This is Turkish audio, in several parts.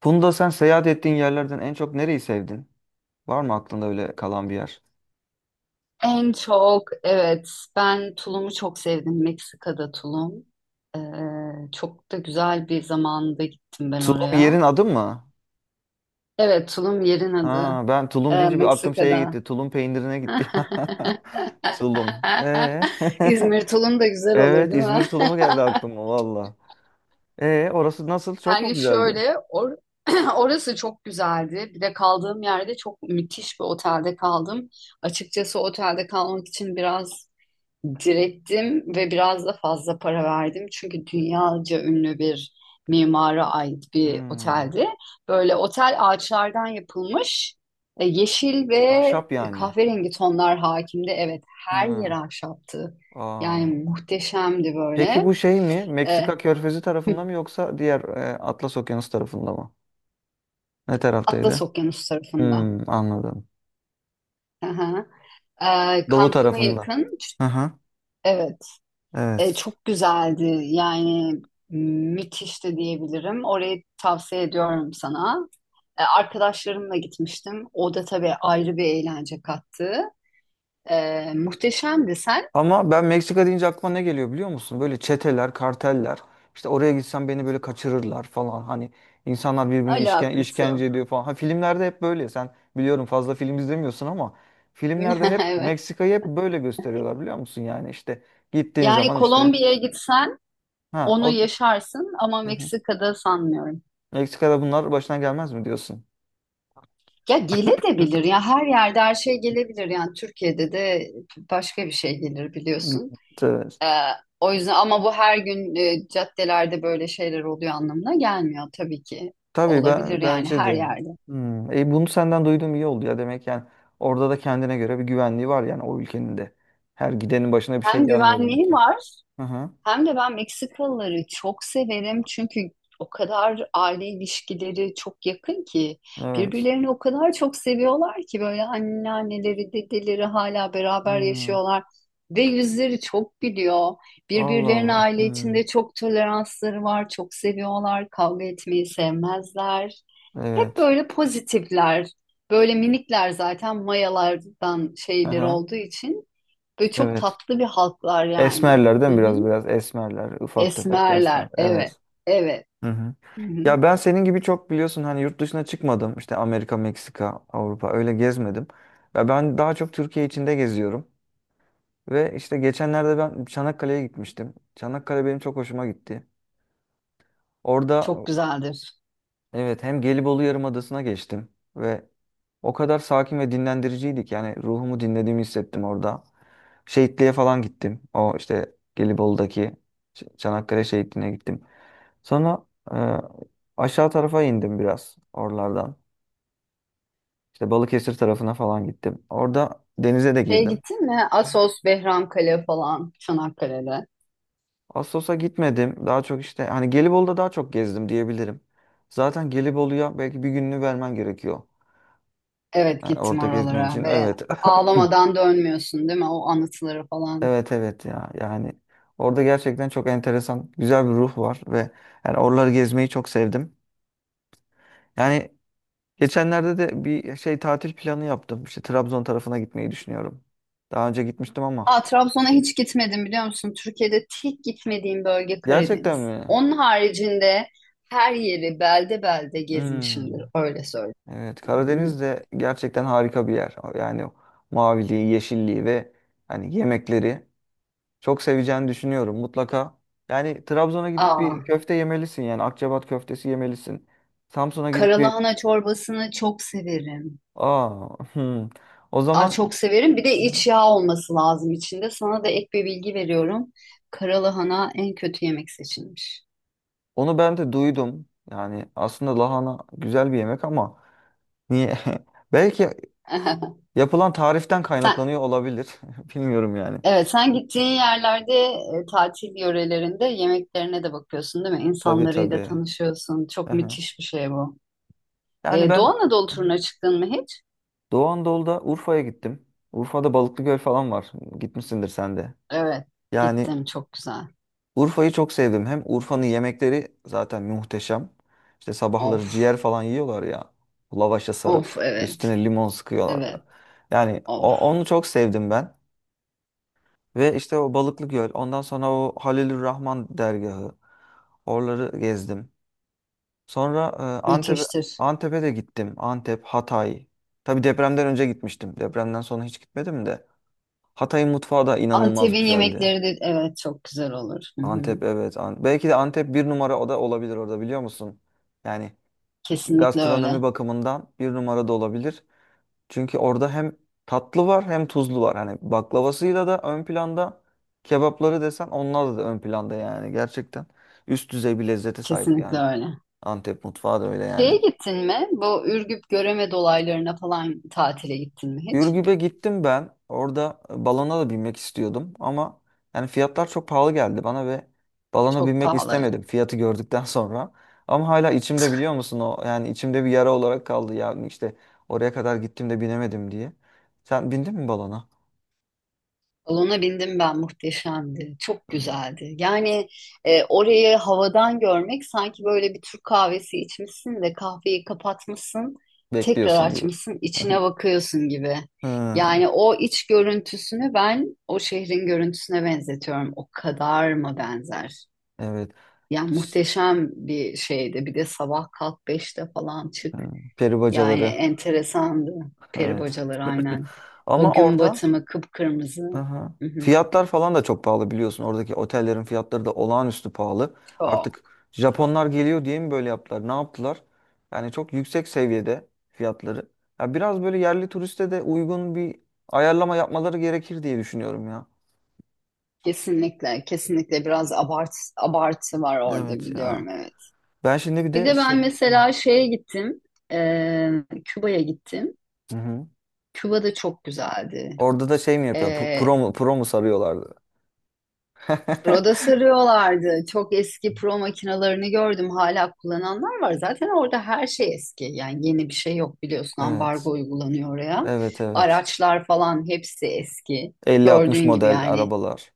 Funda, sen seyahat ettiğin yerlerden en çok nereyi sevdin? Var mı aklında öyle kalan bir yer? En çok evet ben tulumu çok sevdim Meksika'da tulum. Ee, Çok da güzel bir zamanda gittim ben Tulum oraya. yerin adı mı? Evet tulum yerin adı. Ha, ben Tulum deyince bir aklım şeye Meksika'da. gitti. Tulum peynirine gitti. Tulum. İzmir tulum da güzel olur Evet, değil mi? İzmir tulumu geldi aklıma valla. Orası nasıl? Çok mu Yani güzeldi? şöyle or Orası çok güzeldi. Bir de kaldığım yerde çok müthiş bir otelde kaldım. Açıkçası otelde kalmak için biraz direttim ve biraz da fazla para verdim. Çünkü dünyaca ünlü bir mimara ait bir Hmm, oteldi. Böyle otel ağaçlardan yapılmış. Yeşil ve ahşap yani. kahverengi tonlar hakimdi. Evet, her yer Ha, ahşaptı. Yani aa. muhteşemdi Peki böyle. bu şey mi? E, Meksika Körfezi tarafında mı yoksa diğer Atlas Okyanusu tarafında mı? Ne Atlas taraftaydı? Okyanusu tarafında. Hmm, anladım. Hı hı. E, Doğu Cancun'a tarafında. yakın. Hı hı. Evet, Evet. çok güzeldi. Yani müthiş de diyebilirim. Orayı tavsiye ediyorum sana. Arkadaşlarımla gitmiştim. O da tabii ayrı bir eğlence kattı. Muhteşemdi. Sen Ama ben Meksika deyince aklıma ne geliyor biliyor musun? Böyle çeteler, karteller. İşte oraya gitsem beni böyle kaçırırlar falan. Hani insanlar birbirine alakası işkence yok. ediyor falan. Ha, filmlerde hep böyle. Sen biliyorum fazla film izlemiyorsun ama filmlerde hep Evet. Meksika'yı hep böyle gösteriyorlar biliyor musun? Yani işte gittiğin Yani zaman işte Kolombiya'ya gitsen ha o. onu yaşarsın ama Hı hı. Meksika'da sanmıyorum. Meksika'da bunlar başına gelmez mi diyorsun? Ya gelebilir ya her yerde her şey gelebilir yani Türkiye'de de başka bir şey gelir biliyorsun. Evet. E, O yüzden ama bu her gün caddelerde böyle şeyler oluyor anlamına gelmiyor tabii ki. Tabii, Olabilir ben yani bence her de. yerde. Hmm. Bunu senden duyduğum iyi oldu ya. Demek yani orada da kendine göre bir güvenliği var yani o ülkenin de. Her gidenin başına bir şey Hem gelmiyor güvenliği demek ki. var. Hı hı. Hem de ben Meksikalıları çok severim çünkü o kadar aile ilişkileri çok yakın ki Evet. birbirlerini o kadar çok seviyorlar ki böyle anneanneleri, dedeleri hala beraber Hmm. yaşıyorlar ve yüzleri çok gülüyor. Allah Birbirlerine Allah. aile Hmm. içinde çok toleransları var, çok seviyorlar, kavga etmeyi sevmezler. Hep Evet. böyle pozitifler, böyle minikler zaten mayalardan Hı şeyler hı. olduğu için böyle çok Evet. tatlı bir halklar yani. Hı Esmerlerden biraz hı. biraz esmerler. Ufak tefek esmer. Esmerler. Evet. Evet. Evet. Hı hı. Hı hı. Ya ben senin gibi çok biliyorsun hani yurt dışına çıkmadım. İşte Amerika, Meksika, Avrupa öyle gezmedim. Ya ben daha çok Türkiye içinde geziyorum. Ve işte geçenlerde ben Çanakkale'ye gitmiştim. Çanakkale benim çok hoşuma gitti. Orada Çok güzeldir. evet, hem Gelibolu Yarımadası'na geçtim ve o kadar sakin ve dinlendiriciydik. Yani ruhumu dinlediğimi hissettim orada. Şehitliğe falan gittim. O işte Gelibolu'daki Çanakkale Şehitliği'ne gittim. Sonra e, aşağı tarafa indim biraz oralardan. İşte Balıkesir tarafına falan gittim. Orada denize de Şey girdim. gittin mi? Assos, Behramkale falan Çanakkale'de. Assos'a gitmedim. Daha çok işte hani Gelibolu'da daha çok gezdim diyebilirim. Zaten Gelibolu'ya belki bir gününü vermen gerekiyor. Evet Yani gittim orada gezmen oralara için. ve Evet. ağlamadan dönmüyorsun değil mi? O anıtıları falan. Evet evet ya. Yani orada gerçekten çok enteresan, güzel bir ruh var ve yani oraları gezmeyi çok sevdim. Yani geçenlerde de bir şey tatil planı yaptım. İşte Trabzon tarafına gitmeyi düşünüyorum. Daha önce gitmiştim ama. Aa, Trabzon'a hiç gitmedim biliyor musun? Türkiye'de tek gitmediğim bölge Gerçekten Karadeniz. mi? Onun haricinde her yeri belde belde gezmişimdir. Hmm. Öyle Evet, Karadeniz söyleyeyim. de gerçekten harika bir yer. Yani o maviliği, yeşilliği ve hani yemekleri çok seveceğini düşünüyorum mutlaka. Yani Trabzon'a gidip bir Aa, köfte yemelisin, yani Akçabat köftesi yemelisin. Samsun'a gidip bir karalahana çorbasını çok severim. aa. Hmm. O Aa, zaman çok severim. Bir de hı, hı, iç yağ olması lazım içinde. Sana da ek bir bilgi veriyorum. Karalahana en kötü yemek seçilmiş. onu ben de duydum. Yani aslında lahana güzel bir yemek ama niye? Belki yapılan tariften Sen, kaynaklanıyor olabilir. Bilmiyorum yani. evet, sen gittiğin yerlerde tatil yörelerinde yemeklerine de bakıyorsun, değil mi? Tabii İnsanlarıyla tabii. tanışıyorsun. Çok Aha. müthiş bir şey bu. Yani Doğu ben Anadolu turuna çıktın mı hiç? Doğu Anadolu'da Urfa'ya gittim. Urfa'da Balıklıgöl falan var. Gitmişsindir sen de. Evet, Yani gittim. Çok güzel. Urfa'yı çok sevdim. Hem Urfa'nın yemekleri zaten muhteşem. İşte sabahları Of, ciğer falan yiyorlar ya. Lavaşa of, sarıp evet, üstüne limon sıkıyorlar. evet, Yani of. Onu çok sevdim ben. Ve işte o Balıklıgöl, ondan sonra o Halilur Rahman dergahı. Oraları gezdim. Sonra Müthiştir. Antep'e de gittim. Antep, Hatay. Tabii depremden önce gitmiştim. Depremden sonra hiç gitmedim de. Hatay'ın mutfağı da inanılmaz Antep'in güzeldi. yemekleri de evet çok güzel olur. Hı hı. Antep evet. Belki de Antep bir numara, o da olabilir orada biliyor musun? Yani Kesinlikle gastronomi öyle. bakımından bir numara da olabilir. Çünkü orada hem tatlı var hem tuzlu var. Hani baklavasıyla da ön planda, kebapları desen onlar da ön planda yani gerçekten. Üst düzey bir lezzete sahip Kesinlikle yani. öyle. Antep mutfağı da öyle yani. Şeye gittin mi? Bu Ürgüp Göreme dolaylarına falan tatile gittin mi hiç? Ürgüp'e gittim ben. Orada balona da binmek istiyordum ama yani fiyatlar çok pahalı geldi bana ve balona Çok binmek pahalı. Evet. istemedim fiyatı gördükten sonra. Ama hala içimde biliyor musun o, yani içimde bir yara olarak kaldı ya, işte oraya kadar gittim de binemedim diye. Sen bindin mi balona? Balona bindim ben muhteşemdi. Çok Hı. güzeldi. Yani orayı havadan görmek sanki böyle bir Türk kahvesi içmişsin de kahveyi kapatmışsın, tekrar Bekliyorsun gibi. açmışsın, içine bakıyorsun gibi. Hı, Yani o iç görüntüsünü ben o şehrin görüntüsüne benzetiyorum. O kadar mı benzer? evet. Ya Ş- muhteşem bir şeydi. Bir de sabah kalk beşte falan çık. hı, peri Yani bacaları. enteresandı. Peri Evet. bacaları aynen. O Ama gün orada batımı kıpkırmızı. aha, Hı hı. fiyatlar falan da çok pahalı biliyorsun. Oradaki otellerin fiyatları da olağanüstü pahalı. Çok Artık Japonlar çok. geliyor diye mi böyle yaptılar? Ne yaptılar? Yani çok yüksek seviyede fiyatları. Ya biraz böyle yerli turiste de uygun bir ayarlama yapmaları gerekir diye düşünüyorum ya. Kesinlikle kesinlikle biraz abartı var orada Evet ya. biliyorum evet. Ben şimdi bir Bir de de şey... ben Hı. mesela şeye gittim. Küba'ya gittim. Hı hı. Küba da çok güzeldi. Orada da şey mi yapıyor? E, Pro mu, pro mu sarıyorlardı? Roda sarıyorlardı. Çok eski pro makinalarını gördüm. Hala kullananlar var. Zaten orada her şey eski. Yani yeni bir şey yok biliyorsun. Ambargo Evet. uygulanıyor oraya. Evet evet. Araçlar falan hepsi eski. 50-60 Gördüğün gibi model yani. arabalar.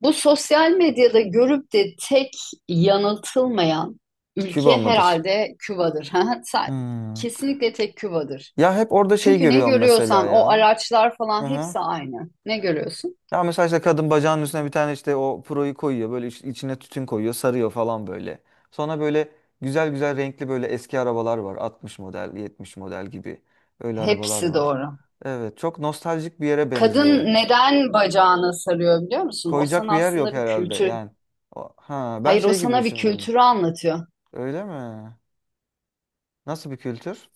Bu sosyal medyada görüp de tek yanıltılmayan Küba ülke mıdır? herhalde Küba'dır. Ha, sa- Hmm. Kesinlikle tek Küba'dır. Ya hep orada şey Çünkü ne görüyorum mesela görüyorsan o ya. araçlar falan Hı-hı. hepsi aynı. Ne görüyorsun? Ya mesela işte kadın bacağının üstüne bir tane işte o puroyu koyuyor. Böyle içine tütün koyuyor, sarıyor falan böyle. Sonra böyle güzel güzel renkli böyle eski arabalar var. 60 model, 70 model gibi. Öyle arabalar Hepsi var. doğru. Evet, çok nostaljik bir yere Kadın benziyor. neden bacağına sarıyor biliyor musun? O Koyacak bir sana yer yok aslında bir herhalde kültür. yani. Ha, ben Hayır o şey gibi sana bir düşündüm. kültürü anlatıyor. Öyle mi? Nasıl bir kültür?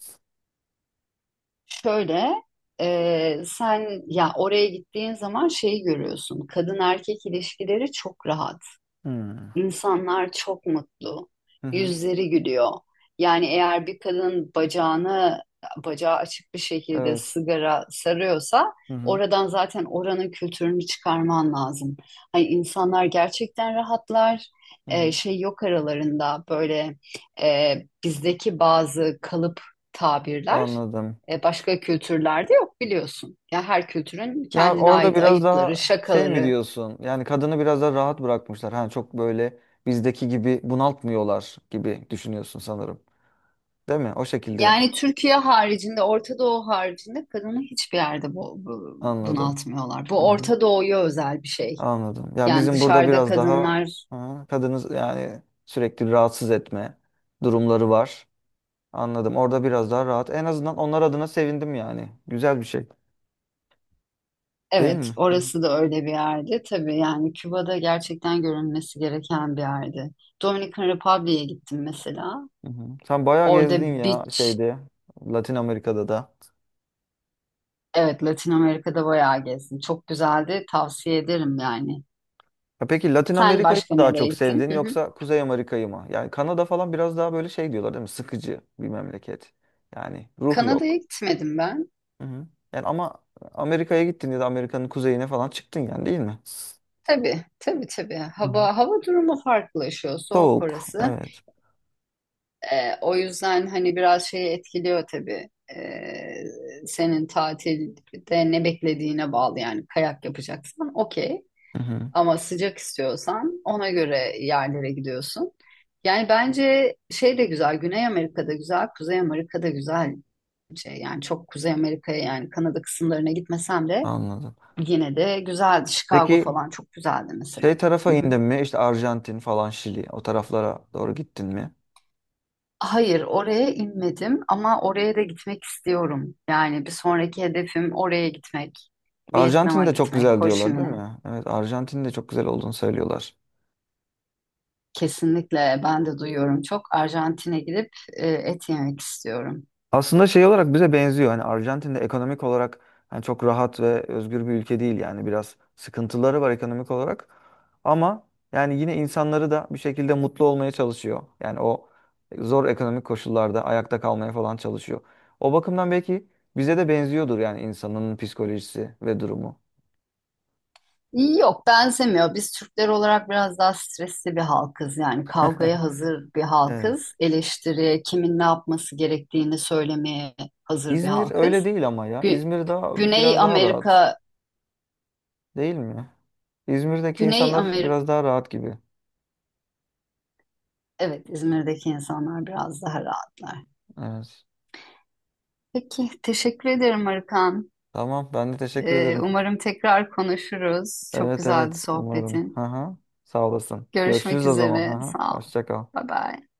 Şöyle sen ya oraya gittiğin zaman şeyi görüyorsun. Kadın erkek ilişkileri çok rahat. Hmm. İnsanlar çok mutlu. Hı hı. Yüzleri gülüyor. Yani eğer bir kadın bacağını bacağı açık bir şekilde Evet. sigara sarıyorsa Hı hı. oradan zaten oranın kültürünü çıkarman lazım. Hani insanlar gerçekten rahatlar. Hı hı. Şey yok aralarında böyle e, bizdeki bazı kalıp tabirler Anladım. Başka kültürlerde yok biliyorsun. Ya her kültürün Ya kendine orada ait biraz ayıpları, daha şey mi şakaları, diyorsun? Yani kadını biraz daha rahat bırakmışlar. Hani çok böyle bizdeki gibi bunaltmıyorlar gibi düşünüyorsun sanırım. Değil mi? O şekilde yani Türkiye haricinde, Orta Doğu haricinde kadını hiçbir yerde anladım. bunaltmıyorlar. Hı Bu hı. Orta Doğu'ya özel bir şey. Anladım. Ya Yani bizim burada dışarıda biraz daha kadınlar, ha, kadını yani sürekli rahatsız etme durumları var. Anladım. Orada biraz daha rahat. En azından onlar adına sevindim yani. Güzel bir şey. Değil evet mi? Hı hı. orası da öyle bir yerde. Tabii yani Küba'da gerçekten görülmesi gereken bir yerde. Dominican Republic'e gittim mesela. Hı hı. Sen bayağı gezdin Orada ya beach, şeyde Latin Amerika'da da. evet Latin Amerika'da bayağı gezdim. Çok güzeldi, tavsiye ederim yani. Ya peki Latin Sen Amerika'yı başka mı daha nereye çok gittin? sevdin Hı hı. yoksa Kuzey Amerika'yı mı? Yani Kanada falan biraz daha böyle şey diyorlar değil mi? Sıkıcı bir memleket. Yani ruh Kanada'ya yok. gitmedim ben. Hı hı. Yani ama Amerika'ya gittin ya da Amerika'nın kuzeyine falan çıktın yani değil mi? Tabii, tabii, tabii. Hı hı. Hava durumu farklılaşıyor, soğuk Soğuk. orası. Evet. O yüzden hani biraz şeyi etkiliyor tabii. Ee, Senin tatilde ne beklediğine bağlı yani kayak yapacaksan okey. Hı hı. Ama sıcak istiyorsan ona göre yerlere gidiyorsun. Yani bence şey de güzel, Güney Amerika'da güzel, Kuzey Amerika'da güzel. Şey, yani çok Kuzey Amerika'ya yani Kanada kısımlarına gitmesem de Anladım. yine de güzeldi. Chicago Peki falan çok güzeldi mesela. şey tarafa indin mi? İşte Arjantin falan, Şili, o taraflara doğru gittin mi? Hayır, oraya inmedim ama oraya da gitmek istiyorum. Yani bir sonraki hedefim oraya gitmek, Arjantin Vietnam'a de çok gitmek, güzel Ho Chi diyorlar değil Minh'e. mi? Evet, Arjantin de çok güzel olduğunu söylüyorlar. Kesinlikle ben de duyuyorum çok. Arjantin'e gidip et yemek istiyorum. Aslında şey olarak bize benziyor. Hani Arjantin de ekonomik olarak hani çok rahat ve özgür bir ülke değil yani biraz sıkıntıları var ekonomik olarak. Ama yani yine insanları da bir şekilde mutlu olmaya çalışıyor. Yani o zor ekonomik koşullarda ayakta kalmaya falan çalışıyor. O bakımdan belki bize de benziyordur yani insanın psikolojisi ve durumu. Yok benzemiyor. Biz Türkler olarak biraz daha stresli bir halkız. Yani kavgaya hazır bir Evet. halkız. Eleştiri kimin ne yapması gerektiğini söylemeye hazır bir İzmir öyle halkız. değil ama ya. Gü- İzmir daha Güney biraz daha rahat. Amerika, Değil mi? İzmir'deki Güney insanlar biraz daha rahat gibi. evet, İzmir'deki insanlar biraz daha rahatlar. Evet. Peki, teşekkür ederim Arıkan. Tamam, ben de teşekkür ederim. Umarım tekrar konuşuruz. Çok Evet güzeldi evet umarım. Hı sohbetin. hı. Sağ olasın. Görüşürüz Görüşmek o zaman. üzere. Hı hı. Sağ ol. Hoşça kal. Bye bye.